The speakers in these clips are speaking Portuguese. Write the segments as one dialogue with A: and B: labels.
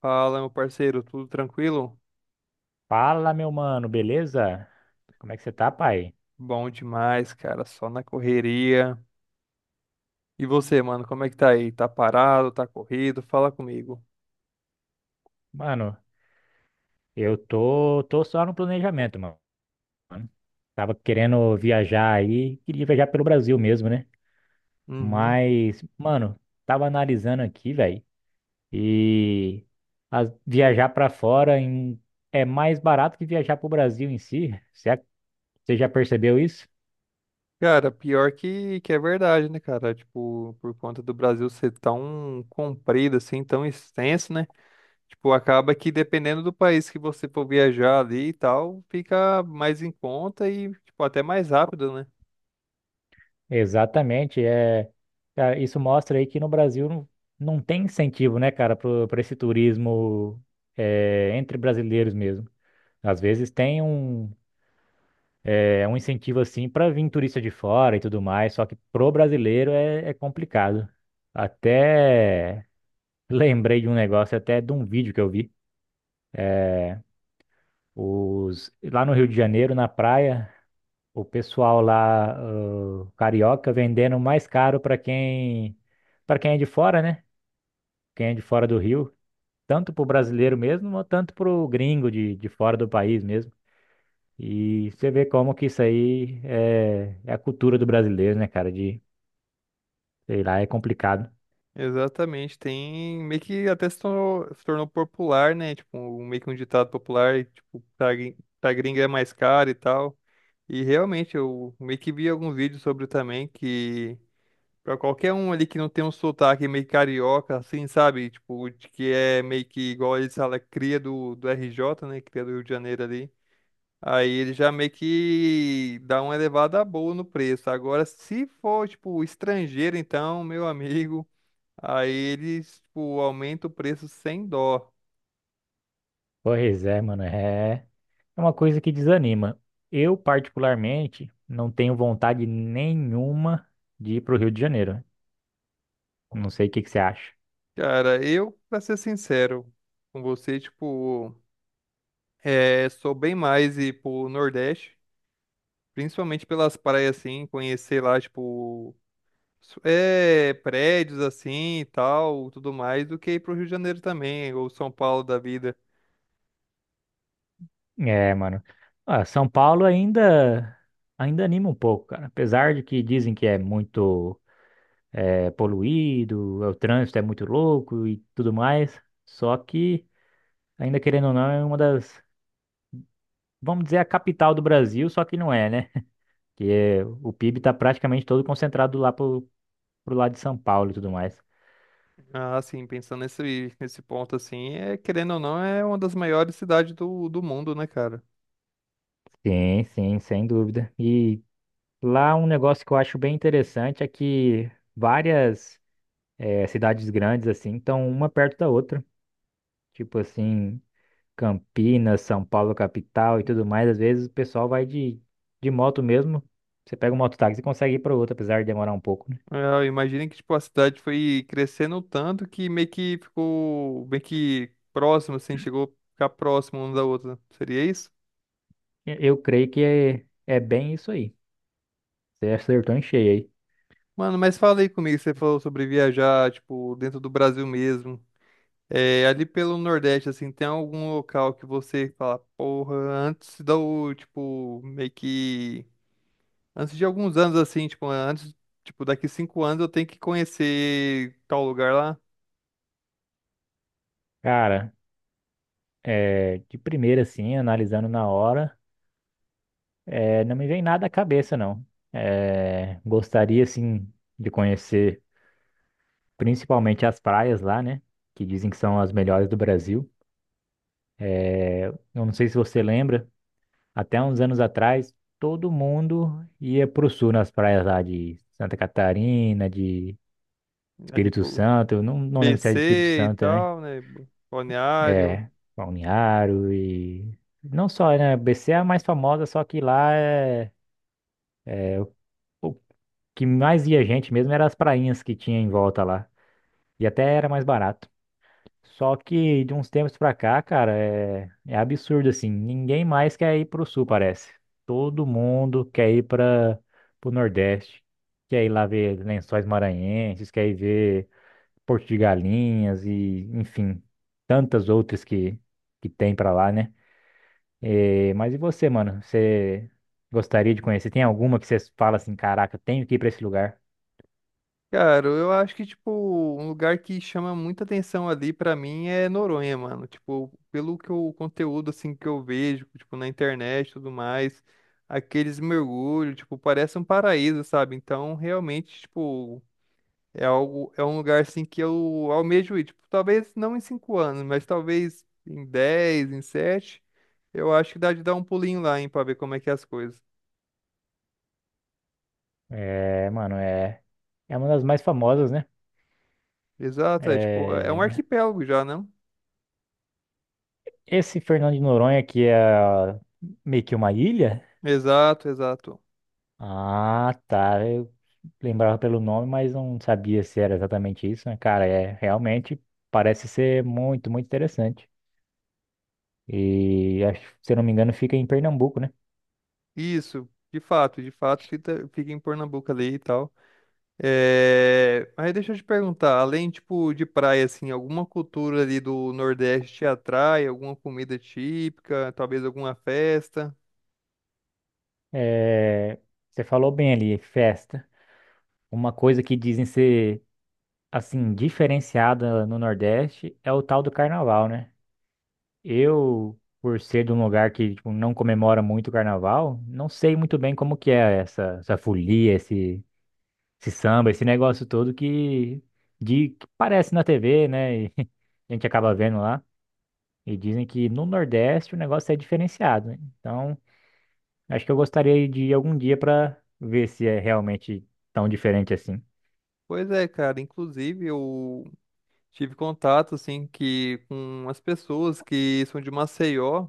A: Fala, meu parceiro, tudo tranquilo?
B: Fala, meu mano, beleza? Como é que você tá, pai?
A: Bom demais, cara, só na correria. E você, mano, como é que tá aí? Tá parado, tá corrido? Fala comigo.
B: Mano, eu tô só no planejamento, mano. Tava querendo viajar aí, queria viajar pelo Brasil mesmo, né?
A: Uhum.
B: Mas, mano, tava analisando aqui, velho, e viajar pra fora é mais barato que viajar pro Brasil em si. Você já percebeu isso?
A: Cara, pior que é verdade, né, cara? Tipo, por conta do Brasil ser tão comprido, assim, tão extenso, né? Tipo, acaba que dependendo do país que você for viajar ali e tal, fica mais em conta e, tipo, até mais rápido, né?
B: Exatamente, isso mostra aí que no Brasil não tem incentivo, né, cara, para esse turismo entre brasileiros mesmo. Às vezes tem um incentivo assim para vir turista de fora e tudo mais, só que pro brasileiro é complicado. Até lembrei de um negócio, até de um vídeo que eu vi. Os, lá no Rio de Janeiro, na praia, o pessoal lá, ah, carioca, vendendo mais caro para quem é de fora, né? Quem é de fora do Rio, tanto pro brasileiro mesmo, ou tanto pro gringo de fora do país mesmo. E você vê como que isso aí é a cultura do brasileiro, né, cara? De, sei lá, é complicado.
A: Exatamente, tem meio que até se tornou, se tornou popular, né? Tipo, meio que um ditado popular, e, tipo, pra, pra gringa é mais caro e tal. E realmente, eu meio que vi alguns vídeos sobre também que, pra qualquer um ali que não tem um sotaque meio carioca, assim, sabe? Tipo, de que é meio que igual eles falam, cria do RJ, né? Cria do Rio de Janeiro ali. Aí ele já meio que dá uma elevada boa no preço. Agora, se for, tipo, estrangeiro, então, meu amigo. Aí eles, tipo, aumentam o preço sem dó.
B: Pois é, mano, é uma coisa que desanima. Eu, particularmente, não tenho vontade nenhuma de ir pro Rio de Janeiro, né? Não sei o que que você acha.
A: Cara, eu, pra ser sincero com você, tipo, é, sou bem mais ir pro Nordeste, principalmente pelas praias, assim, conhecer lá, tipo, prédios, assim, e tal, tudo mais, do que ir pro Rio de Janeiro também, ou São Paulo da vida.
B: É, mano. Ah, São Paulo ainda anima um pouco, cara. Apesar de que dizem que é muito poluído, o trânsito é muito louco e tudo mais. Só que, ainda querendo ou não, é uma das, vamos dizer, a capital do Brasil, só que não é, né? O PIB está praticamente todo concentrado lá pro lado de São Paulo e tudo mais.
A: Ah, assim, pensando nesse ponto, assim, é, querendo ou não, é uma das maiores cidades do mundo, né, cara?
B: Sim, sim, sem dúvida. E lá um negócio que eu acho bem interessante é que várias cidades grandes, assim, estão uma perto da outra. Tipo assim. Campinas, São Paulo, capital e tudo mais, às vezes o pessoal vai de moto mesmo. Você pega um mototáxi e consegue ir para outro, apesar de demorar um pouco, né?
A: É, imagina que tipo, a cidade foi crescendo tanto que meio que ficou meio que próximo, assim, chegou a ficar próximo uma da outra. Seria isso?
B: Eu creio que é bem isso aí. Você acertou em cheio aí.
A: Mano, mas fala aí comigo, você falou sobre viajar, tipo, dentro do Brasil mesmo. É, ali pelo Nordeste, assim, tem algum local que você fala, porra, antes do, tipo, meio que. Antes de alguns anos, assim, tipo, antes, tipo, daqui 5 anos eu tenho que conhecer tal lugar lá?
B: Cara, é, de primeira, assim, analisando na hora, é, não me vem nada à cabeça, não. É, gostaria, assim, de conhecer principalmente as praias lá, né? Que dizem que são as melhores do Brasil. Eu não sei se você lembra. Até uns anos atrás, todo mundo ia pro sul nas praias lá de Santa Catarina, de
A: Ali,
B: Espírito
A: pô.
B: Santo. Eu não, não lembro se era de Espírito
A: BC e
B: Santo também.
A: tal, né? Balneário.
B: É, Balneário e. Não só, né? BC é a mais famosa, só que lá é. é O o que mais ia gente mesmo era as prainhas que tinha em volta lá. E até era mais barato. Só que de uns tempos pra cá, cara, é, é absurdo assim. Ninguém mais quer ir pro sul, parece. Todo mundo quer ir para pro Nordeste. Quer ir lá ver Lençóis Maranhenses, quer ir ver Porto de Galinhas e, enfim, tantas outras que tem pra lá, né? É, mas e você, mano? Você gostaria de conhecer? Tem alguma que você fala assim, caraca, tenho que ir pra esse lugar?
A: Cara, eu acho que, tipo, um lugar que chama muita atenção ali pra mim é Noronha, mano. Tipo, pelo que o conteúdo, assim, que eu vejo, tipo, na internet e tudo mais, aqueles mergulhos, tipo, parece um paraíso, sabe? Então, realmente, tipo, é algo, é um lugar, assim, que eu almejo ir. Tipo, talvez não em 5 anos, mas talvez em 10, em 7, eu acho que dá de dar um pulinho lá, hein, pra ver como é que é as coisas.
B: É, mano, é uma das mais famosas, né?
A: Exato, é tipo, é um
B: É,
A: arquipélago já, não?
B: esse Fernando de Noronha que é meio que uma ilha?
A: Exato, exato.
B: Ah, tá. Eu lembrava pelo nome, mas não sabia se era exatamente isso, né? Cara, é realmente parece ser muito, muito interessante. E acho, se eu não me engano, fica em Pernambuco, né?
A: Isso, de fato, fica em Pernambuco ali e tal. É. Mas deixa eu te perguntar, além, tipo, de praia, assim, alguma cultura ali do Nordeste te atrai? Alguma comida típica? Talvez alguma festa?
B: É, você falou bem ali, festa. Uma coisa que dizem ser assim diferenciada no Nordeste é o tal do carnaval, né? Eu, por ser de um lugar que tipo, não comemora muito o carnaval, não sei muito bem como que é essa, essa folia, esse samba, esse negócio todo que, de, que parece na TV, né? E a gente acaba vendo lá. E dizem que no Nordeste o negócio é diferenciado, né? Então, acho que eu gostaria de ir algum dia para ver se é realmente tão diferente assim.
A: Pois é, cara, inclusive eu tive contato, assim, que com as pessoas que são de Maceió.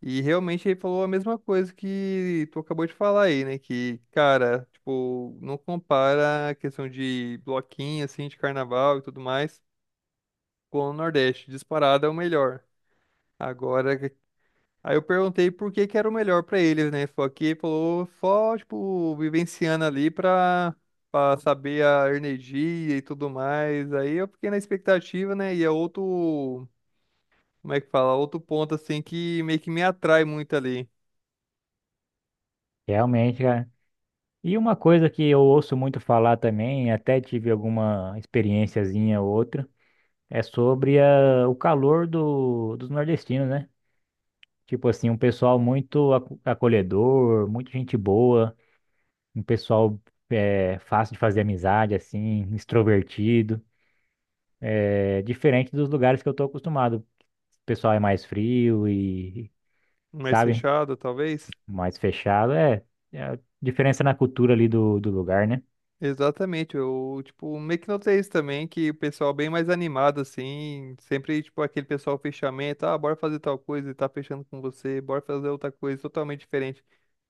A: E realmente ele falou a mesma coisa que tu acabou de falar aí, né? Que, cara, tipo, não compara a questão de bloquinho, assim, de carnaval e tudo mais com o Nordeste. Disparado é o melhor. Agora, aí eu perguntei por que que era o melhor pra eles, né? Só que ele falou só, tipo, vivenciando ali pra, pra saber a energia e tudo mais. Aí eu fiquei na expectativa, né? E é outro, como é que fala? Outro ponto, assim, que meio que me atrai muito ali.
B: Realmente, cara. E uma coisa que eu ouço muito falar também, até tive alguma experiênciazinha ou outra é sobre o calor dos nordestinos, né? Tipo assim, um pessoal muito acolhedor, muito gente boa, um pessoal fácil de fazer amizade, assim, extrovertido. É diferente dos lugares que eu tô acostumado. O pessoal é mais frio e,
A: Mais
B: sabe,
A: fechado, talvez?
B: mais fechado. É, é a diferença na cultura ali do lugar, né?
A: Exatamente, eu, tipo, meio que notei isso também, que o pessoal bem mais animado, assim, sempre, tipo, aquele pessoal fechamento, ah, bora fazer tal coisa e tá fechando com você, bora fazer outra coisa totalmente diferente,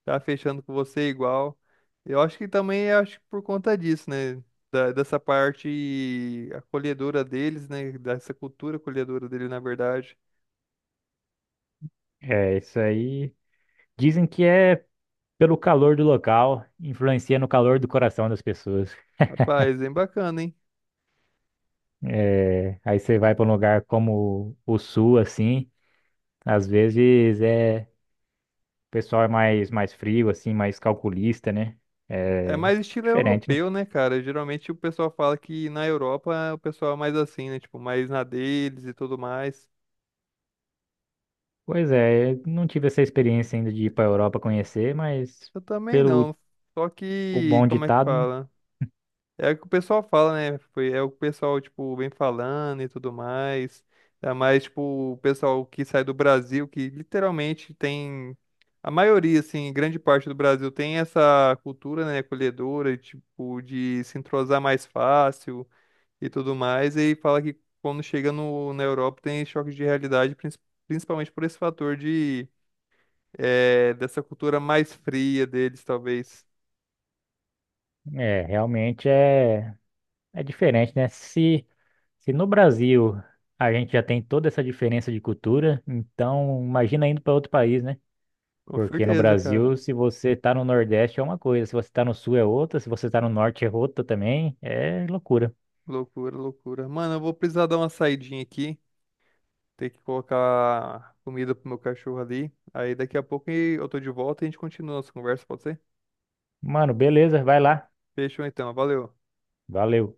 A: tá fechando com você igual. Eu acho que também, acho que por conta disso, né, dessa parte acolhedora deles, né, dessa cultura acolhedora dele, na verdade.
B: É, isso aí. Dizem que é pelo calor do local, influencia no calor do coração das pessoas.
A: Rapaz, bem bacana, hein?
B: É, aí você vai para um lugar como o sul, assim, às vezes o pessoal é mais frio, assim, mais calculista, né?
A: É
B: É
A: mais estilo
B: diferente, né?
A: europeu, né, cara? Geralmente o pessoal fala que na Europa é o pessoal é mais assim, né? Tipo, mais na deles e tudo mais.
B: Pois é, eu não tive essa experiência ainda de ir para a Europa
A: É,
B: conhecer, mas
A: eu também
B: pelo
A: não. Só
B: o
A: que,
B: bom
A: como é que
B: ditado, né?
A: fala? É o que o pessoal fala, né? Foi, é o que o pessoal, tipo, vem falando e tudo mais. É mais, tipo, o pessoal que sai do Brasil, que literalmente tem. A maioria, assim, grande parte do Brasil tem essa cultura, né, acolhedora, tipo, de se entrosar mais fácil e tudo mais, e fala que quando chega no, na Europa tem choques de realidade, principalmente por esse fator de dessa cultura mais fria deles, talvez.
B: É, realmente é diferente, né? Se no Brasil a gente já tem toda essa diferença de cultura, então imagina indo para outro país, né?
A: Com
B: Porque no
A: certeza, cara.
B: Brasil, se você tá no Nordeste é uma coisa, se você tá no Sul é outra, se você tá no Norte é outra também. É loucura.
A: Loucura, loucura. Mano, eu vou precisar dar uma saidinha aqui, ter que colocar comida pro meu cachorro ali. Aí daqui a pouco eu tô de volta e a gente continua nossa conversa, pode ser?
B: Mano, beleza, vai lá.
A: Fechou então, valeu.
B: Valeu.